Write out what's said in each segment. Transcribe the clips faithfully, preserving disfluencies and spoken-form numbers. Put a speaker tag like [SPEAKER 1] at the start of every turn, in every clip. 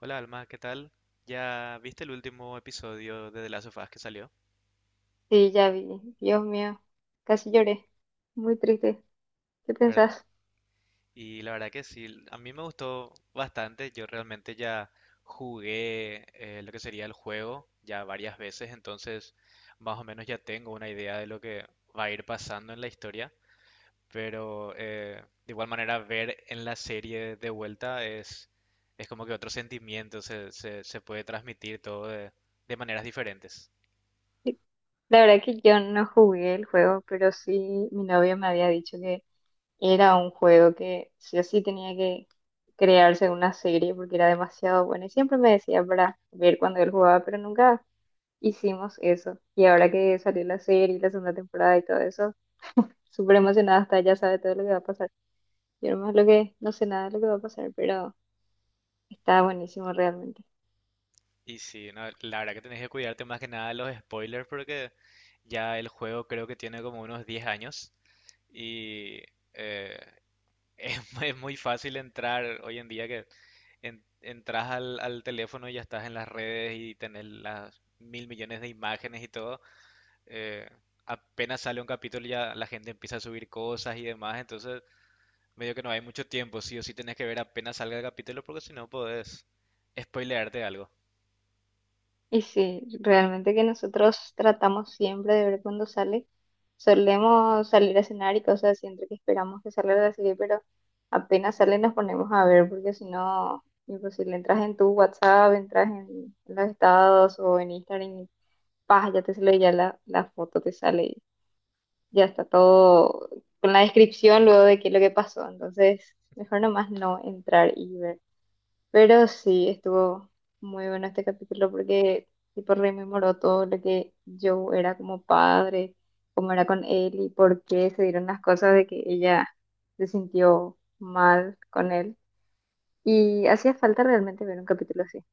[SPEAKER 1] Hola Alma, ¿qué tal? Ya viste el último episodio de The Last of Us que salió,
[SPEAKER 2] Sí, ya vi. Dios mío, casi lloré. Muy triste. ¿Qué
[SPEAKER 1] ¿verdad?
[SPEAKER 2] pensás?
[SPEAKER 1] Y la verdad que sí, a mí me gustó bastante. Yo realmente ya jugué eh, lo que sería el juego ya varias veces, entonces más o menos ya tengo una idea de lo que va a ir pasando en la historia. Pero eh, de igual manera ver en la serie de vuelta es, es como que otro sentimiento, se, se, se puede transmitir todo de de maneras diferentes.
[SPEAKER 2] Sí. La verdad que yo no jugué el juego, pero sí mi novio me había dicho que era un juego que sí o sí tenía que crearse una serie porque era demasiado bueno. Y siempre me decía para ver cuando él jugaba, pero nunca hicimos eso. Y ahora que salió la serie, la segunda temporada y todo eso, súper emocionada hasta ya sabe todo lo que va a pasar. Yo nomás lo que no sé nada de lo que va a pasar, pero está buenísimo realmente.
[SPEAKER 1] Y sí, no, la verdad que tenés que cuidarte más que nada de los spoilers porque ya el juego creo que tiene como unos diez años y eh, es, mu- es muy fácil entrar hoy en día que en- entras al, al teléfono y ya estás en las redes y tenés las mil millones de imágenes y todo. eh, Apenas sale un capítulo ya la gente empieza a subir cosas y demás, entonces medio que no hay mucho tiempo, sí o sí tenés que ver apenas salga el capítulo porque si no podés spoilearte algo.
[SPEAKER 2] Y sí, realmente que nosotros tratamos siempre de ver cuando sale. Solemos salir a cenar y cosas así, entre que esperamos que salga la serie, pero apenas sale nos ponemos a ver, porque si no, imposible, entras en tu WhatsApp, entras en los estados o en Instagram y ¡pah! Ya te sale ya la, la foto, te sale y ya está todo con la descripción luego de qué es lo que pasó. Entonces, mejor nomás no entrar y ver. Pero sí, estuvo muy bueno este capítulo porque tipo rememoró todo lo que yo era como padre, cómo era con él y por qué se dieron las cosas de que ella se sintió mal con él. Y hacía falta realmente ver un capítulo así.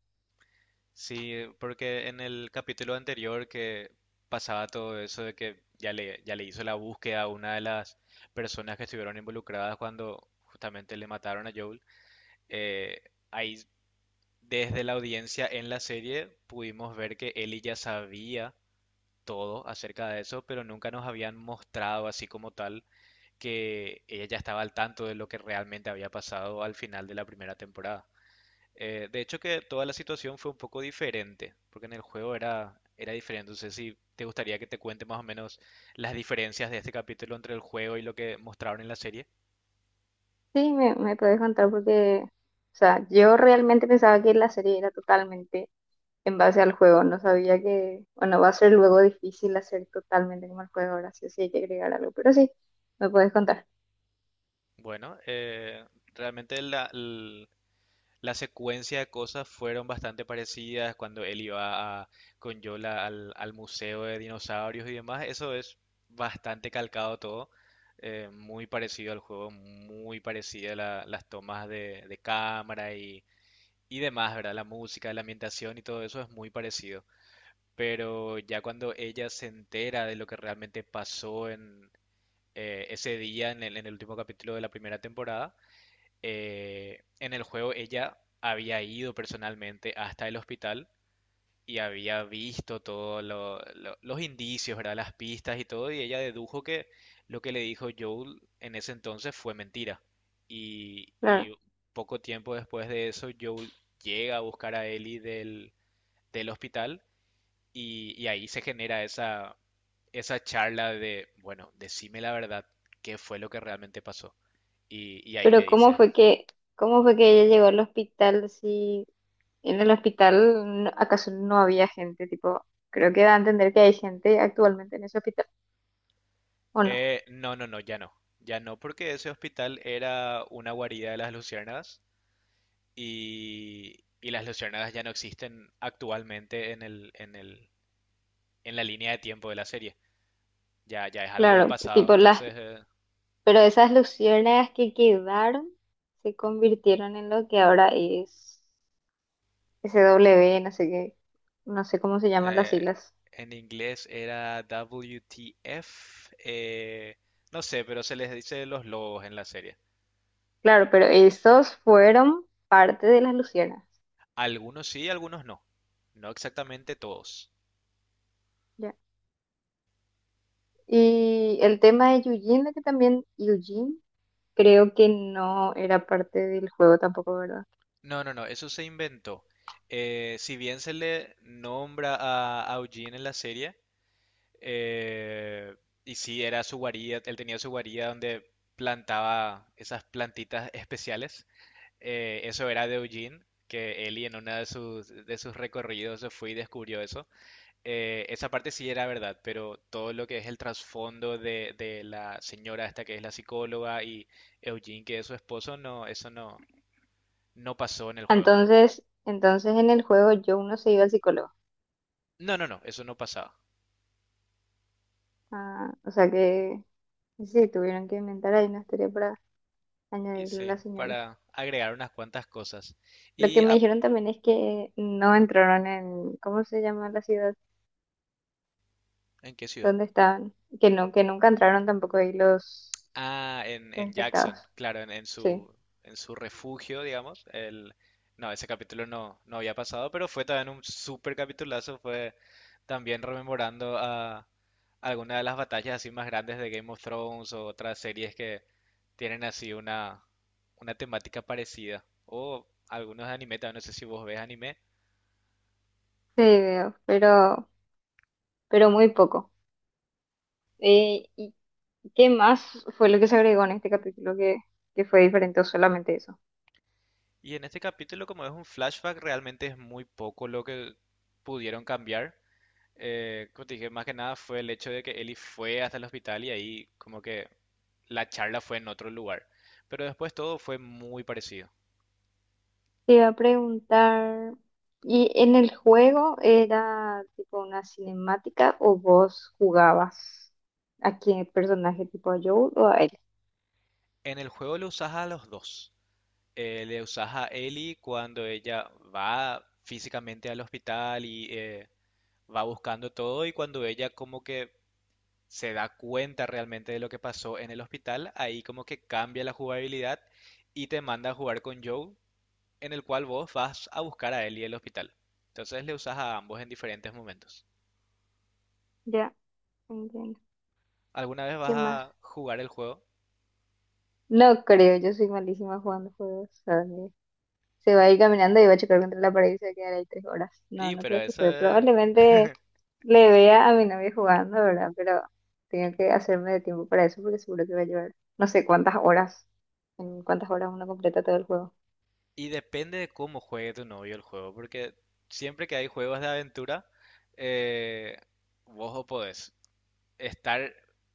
[SPEAKER 1] Sí, porque en el capítulo anterior que pasaba todo eso de que ya le, ya le hizo la búsqueda a una de las personas que estuvieron involucradas cuando justamente le mataron a Joel, eh, ahí desde la audiencia en la serie pudimos ver que Ellie ya sabía todo acerca de eso, pero nunca nos habían mostrado así como tal que ella ya estaba al tanto de lo que realmente había pasado al final de la primera temporada. Eh, de hecho que toda la situación fue un poco diferente, porque en el juego era, era diferente. No sé si te gustaría que te cuente más o menos las diferencias de este capítulo entre el juego y lo que mostraron en la serie.
[SPEAKER 2] Sí, me, me podés contar porque, o sea, yo realmente pensaba que la serie era totalmente en base al juego. No sabía que, bueno, va a ser luego difícil hacer totalmente como el juego ahora sí, sí hay que agregar algo. Pero sí, me podés contar.
[SPEAKER 1] Bueno, eh, realmente la, l- la secuencia de cosas fueron bastante parecidas cuando él iba a- con Yola al, al museo de dinosaurios y demás. Eso es bastante calcado todo, eh, muy parecido al juego, muy parecida la- las tomas de, de cámara y y demás, ¿verdad? La música, la ambientación y todo eso es muy parecido. Pero ya cuando ella se entera de lo que realmente pasó en eh, ese día, en el, en el último capítulo de la primera temporada, eh, en el juego ella había ido personalmente hasta el hospital y había visto todos los indicios, ¿verdad? Las pistas y todo, y ella dedujo que lo que le dijo Joel en ese entonces fue mentira. Y,
[SPEAKER 2] Claro.
[SPEAKER 1] y poco tiempo después de eso, Joel llega a buscar a Ellie del, del hospital y, y ahí se genera esa, esa charla de, bueno, decime la verdad, qué fue lo que realmente pasó. Y, y ahí le
[SPEAKER 2] Pero ¿cómo
[SPEAKER 1] dice,
[SPEAKER 2] fue que, cómo fue que ella llegó al hospital si en el hospital no- acaso no había gente? Tipo, creo que da a entender que hay gente actualmente en ese hospital, ¿o no?
[SPEAKER 1] "Eh, no, no, no, ya no, ya no, porque ese hospital era una guarida de las luciérnagas y, y las luciérnagas ya no existen actualmente en el, en el, en la línea de tiempo de la serie. Ya, ya es algo del
[SPEAKER 2] Claro,
[SPEAKER 1] pasado.
[SPEAKER 2] tipo las,
[SPEAKER 1] Entonces, eh,
[SPEAKER 2] pero esas luciérnagas que quedaron se convirtieron en lo que ahora es S w no sé qué, no sé cómo se llaman las
[SPEAKER 1] eh,
[SPEAKER 2] siglas.
[SPEAKER 1] en inglés era W T F. Eh, no sé, pero se les dice los lobos en la serie.
[SPEAKER 2] Claro, pero esos fueron parte de las luciérnagas.
[SPEAKER 1] Algunos sí, algunos no. No exactamente todos.
[SPEAKER 2] Ya. Y el tema de Eugene, de que también Eugene creo que no era parte del juego tampoco, ¿verdad?
[SPEAKER 1] No, no, no, eso se inventó. Eh, si bien se le nombra a, a Eugene en la serie, Eh, y sí, era su guarida, él tenía su guarida donde plantaba esas plantitas especiales. Eh, eso era de Eugene, que Ellie en uno de sus, de sus recorridos se fue y descubrió eso. Eh, esa parte sí era verdad, pero todo lo que es el trasfondo de, de la señora esta que es la psicóloga y Eugene que es su esposo, no, eso no, no pasó en el juego.
[SPEAKER 2] Entonces, entonces en el juego yo no se iba al psicólogo.
[SPEAKER 1] No, no, no, eso no pasaba.
[SPEAKER 2] Ah, o sea que sí, tuvieron que inventar ahí una historia para
[SPEAKER 1] Y
[SPEAKER 2] añadirle a
[SPEAKER 1] sí,
[SPEAKER 2] la señora.
[SPEAKER 1] para agregar unas cuantas cosas.
[SPEAKER 2] Lo que
[SPEAKER 1] ¿Y
[SPEAKER 2] me
[SPEAKER 1] ah,
[SPEAKER 2] dijeron también es que no entraron en, ¿cómo se llama la ciudad?
[SPEAKER 1] en qué ciudad?
[SPEAKER 2] ¿Dónde estaban? Que no, que nunca entraron tampoco ahí los
[SPEAKER 1] Ah, en, en
[SPEAKER 2] infectados.
[SPEAKER 1] Jackson, claro, en, en
[SPEAKER 2] Sí,
[SPEAKER 1] su, en su refugio, digamos. El, no, ese capítulo no, no había pasado, pero fue también un súper capitulazo. Fue también rememorando a alguna de las batallas así más grandes de Game of Thrones o otras series que tienen así una, una temática parecida. O algunos de anime, también no sé si vos ves anime.
[SPEAKER 2] sí, veo, pero, pero, muy poco. Eh, ¿y qué más fue lo que se agregó en este capítulo que, que fue diferente o solamente eso?
[SPEAKER 1] Y en este capítulo, como es un flashback, realmente es muy poco lo que pudieron cambiar. Eh, como te dije, más que nada fue el hecho de que Ellie fue hasta el hospital y ahí como que la charla fue en otro lugar. Pero después todo fue muy parecido.
[SPEAKER 2] Te iba a preguntar, ¿y en el juego era tipo una cinemática o vos jugabas a qué personaje tipo a Joel o a él?
[SPEAKER 1] En el juego le usas a los dos. Eh, le usas a Ellie cuando ella va físicamente al hospital y eh, va buscando todo y cuando ella como que se da cuenta realmente de lo que pasó en el hospital, ahí como que cambia la jugabilidad y te manda a jugar con Joe, en el cual vos vas a buscar a él y el hospital. Entonces le usas a ambos en diferentes momentos.
[SPEAKER 2] Ya, entiendo.
[SPEAKER 1] Alguna vez vas
[SPEAKER 2] ¿Qué más?
[SPEAKER 1] a jugar el juego,
[SPEAKER 2] No creo, yo soy malísima jugando juegos. ¿Sabes? Se va a ir caminando y va a chocar contra la pared y se va a quedar ahí tres horas. No,
[SPEAKER 1] y
[SPEAKER 2] no
[SPEAKER 1] pero
[SPEAKER 2] creo que
[SPEAKER 1] eso
[SPEAKER 2] juegue.
[SPEAKER 1] es-
[SPEAKER 2] Probablemente le vea a mi novia jugando, ¿verdad? Pero tengo que hacerme de tiempo para eso porque seguro que va a llevar no sé cuántas horas, en cuántas horas uno completa todo el juego.
[SPEAKER 1] y depende de cómo juegue tu novio el juego, porque siempre que hay juegos de aventura, eh, vos o podés estar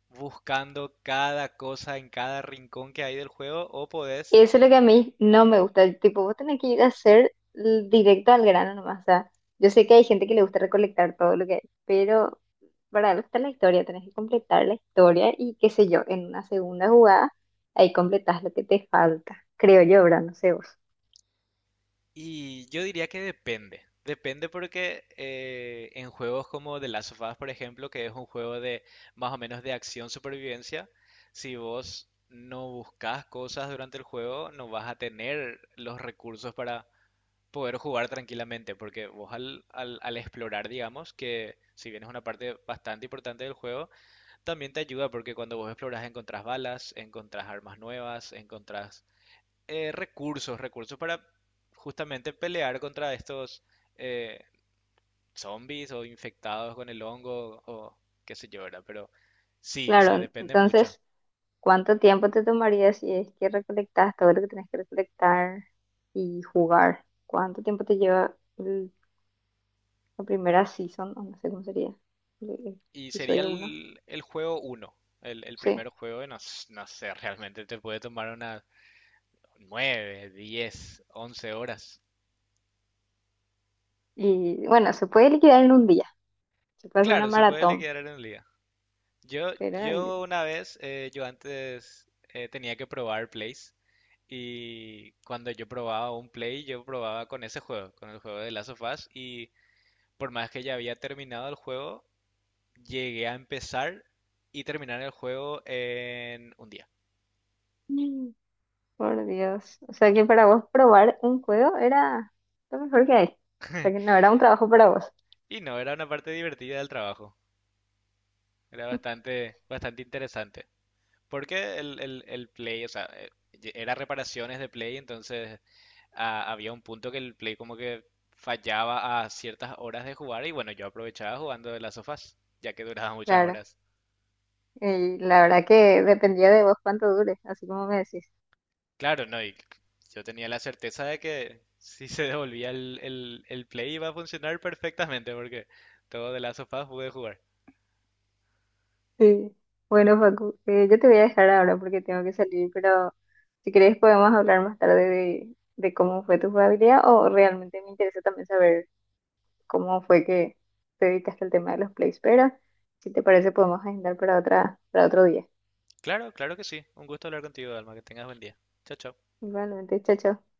[SPEAKER 1] buscando cada cosa en cada rincón que hay del juego, o podés
[SPEAKER 2] Eso es lo que a mí no me gusta. Tipo, vos tenés que ir a hacer l- directo al grano nomás. O sea, yo sé que hay gente que le gusta recolectar todo lo que hay, pero para algo está la historia. Tenés que completar la historia y qué sé yo, en una segunda jugada, ahí completás lo que te falta. Creo yo, ¿verdad? No sé vos.
[SPEAKER 1] y yo diría que depende. Depende porque eh, en juegos como The Last of Us, por ejemplo, que es un juego de más o menos de acción supervivencia, si vos no buscas cosas durante el juego, no vas a tener los recursos para poder jugar tranquilamente, porque vos al, al, al explorar, digamos, que si bien es una parte bastante importante del juego, también te ayuda porque cuando vos exploras encontrás balas, encontrás armas nuevas, encontrás eh, recursos, recursos para justamente pelear contra estos eh, zombies o infectados con el hongo o qué sé yo, ¿verdad? Pero sí, o
[SPEAKER 2] Claro,
[SPEAKER 1] sea,
[SPEAKER 2] en-
[SPEAKER 1] depende mucho.
[SPEAKER 2] entonces, ¿cuánto tiempo te tomaría si es que recolectás todo lo que tenés que recolectar y jugar? ¿Cuánto tiempo te lleva el- la primera season? O no sé cómo sería. el- el
[SPEAKER 1] Y sería
[SPEAKER 2] Episodio uno.
[SPEAKER 1] el, el juego uno el, el
[SPEAKER 2] Sí.
[SPEAKER 1] primer juego, y no, s- no sé, realmente te puede tomar unas nueve diez once horas.
[SPEAKER 2] Y bueno, se puede liquidar en un día, se puede hacer una
[SPEAKER 1] Claro, se puede
[SPEAKER 2] maratón,
[SPEAKER 1] liquidar en el día. Yo,
[SPEAKER 2] pero
[SPEAKER 1] yo una vez, eh, yo antes eh, tenía que probar plays y cuando yo probaba un play, yo probaba con ese juego, con el juego de Last of Us y por más que ya había terminado el juego, llegué a empezar y terminar el juego en un día.
[SPEAKER 2] mm, por Dios, o sea que para vos probar un juego era lo mejor que hay, o sea que no era un trabajo para vos,
[SPEAKER 1] Y no, era una parte divertida del trabajo, era bastante, bastante interesante. Porque el, el, el play, o sea, eh, era reparaciones de play, entonces ah, había un punto que el Play como que fallaba a ciertas horas de jugar y bueno, yo aprovechaba jugando de las sofás, ya que duraba muchas
[SPEAKER 2] claro,
[SPEAKER 1] horas.
[SPEAKER 2] y la verdad que dependía de vos cuánto dure, así como me decís.
[SPEAKER 1] Claro, no, y yo tenía la certeza de que si se devolvía el, el, el Play iba a funcionar perfectamente porque todo de las sofás pude jugar.
[SPEAKER 2] Sí. Bueno, Facu, eh, yo te voy a dejar ahora porque tengo que salir, pero si querés podemos hablar más tarde de, de, cómo fue tu jugabilidad o realmente me interesa también saber cómo fue que te dedicaste al tema de los plays, pero si te parece podemos agendar para otra, para otro día.
[SPEAKER 1] Claro, claro que sí. Un gusto hablar contigo, Alma, que tengas buen día. Chao, chao.
[SPEAKER 2] Igualmente, chao, chao.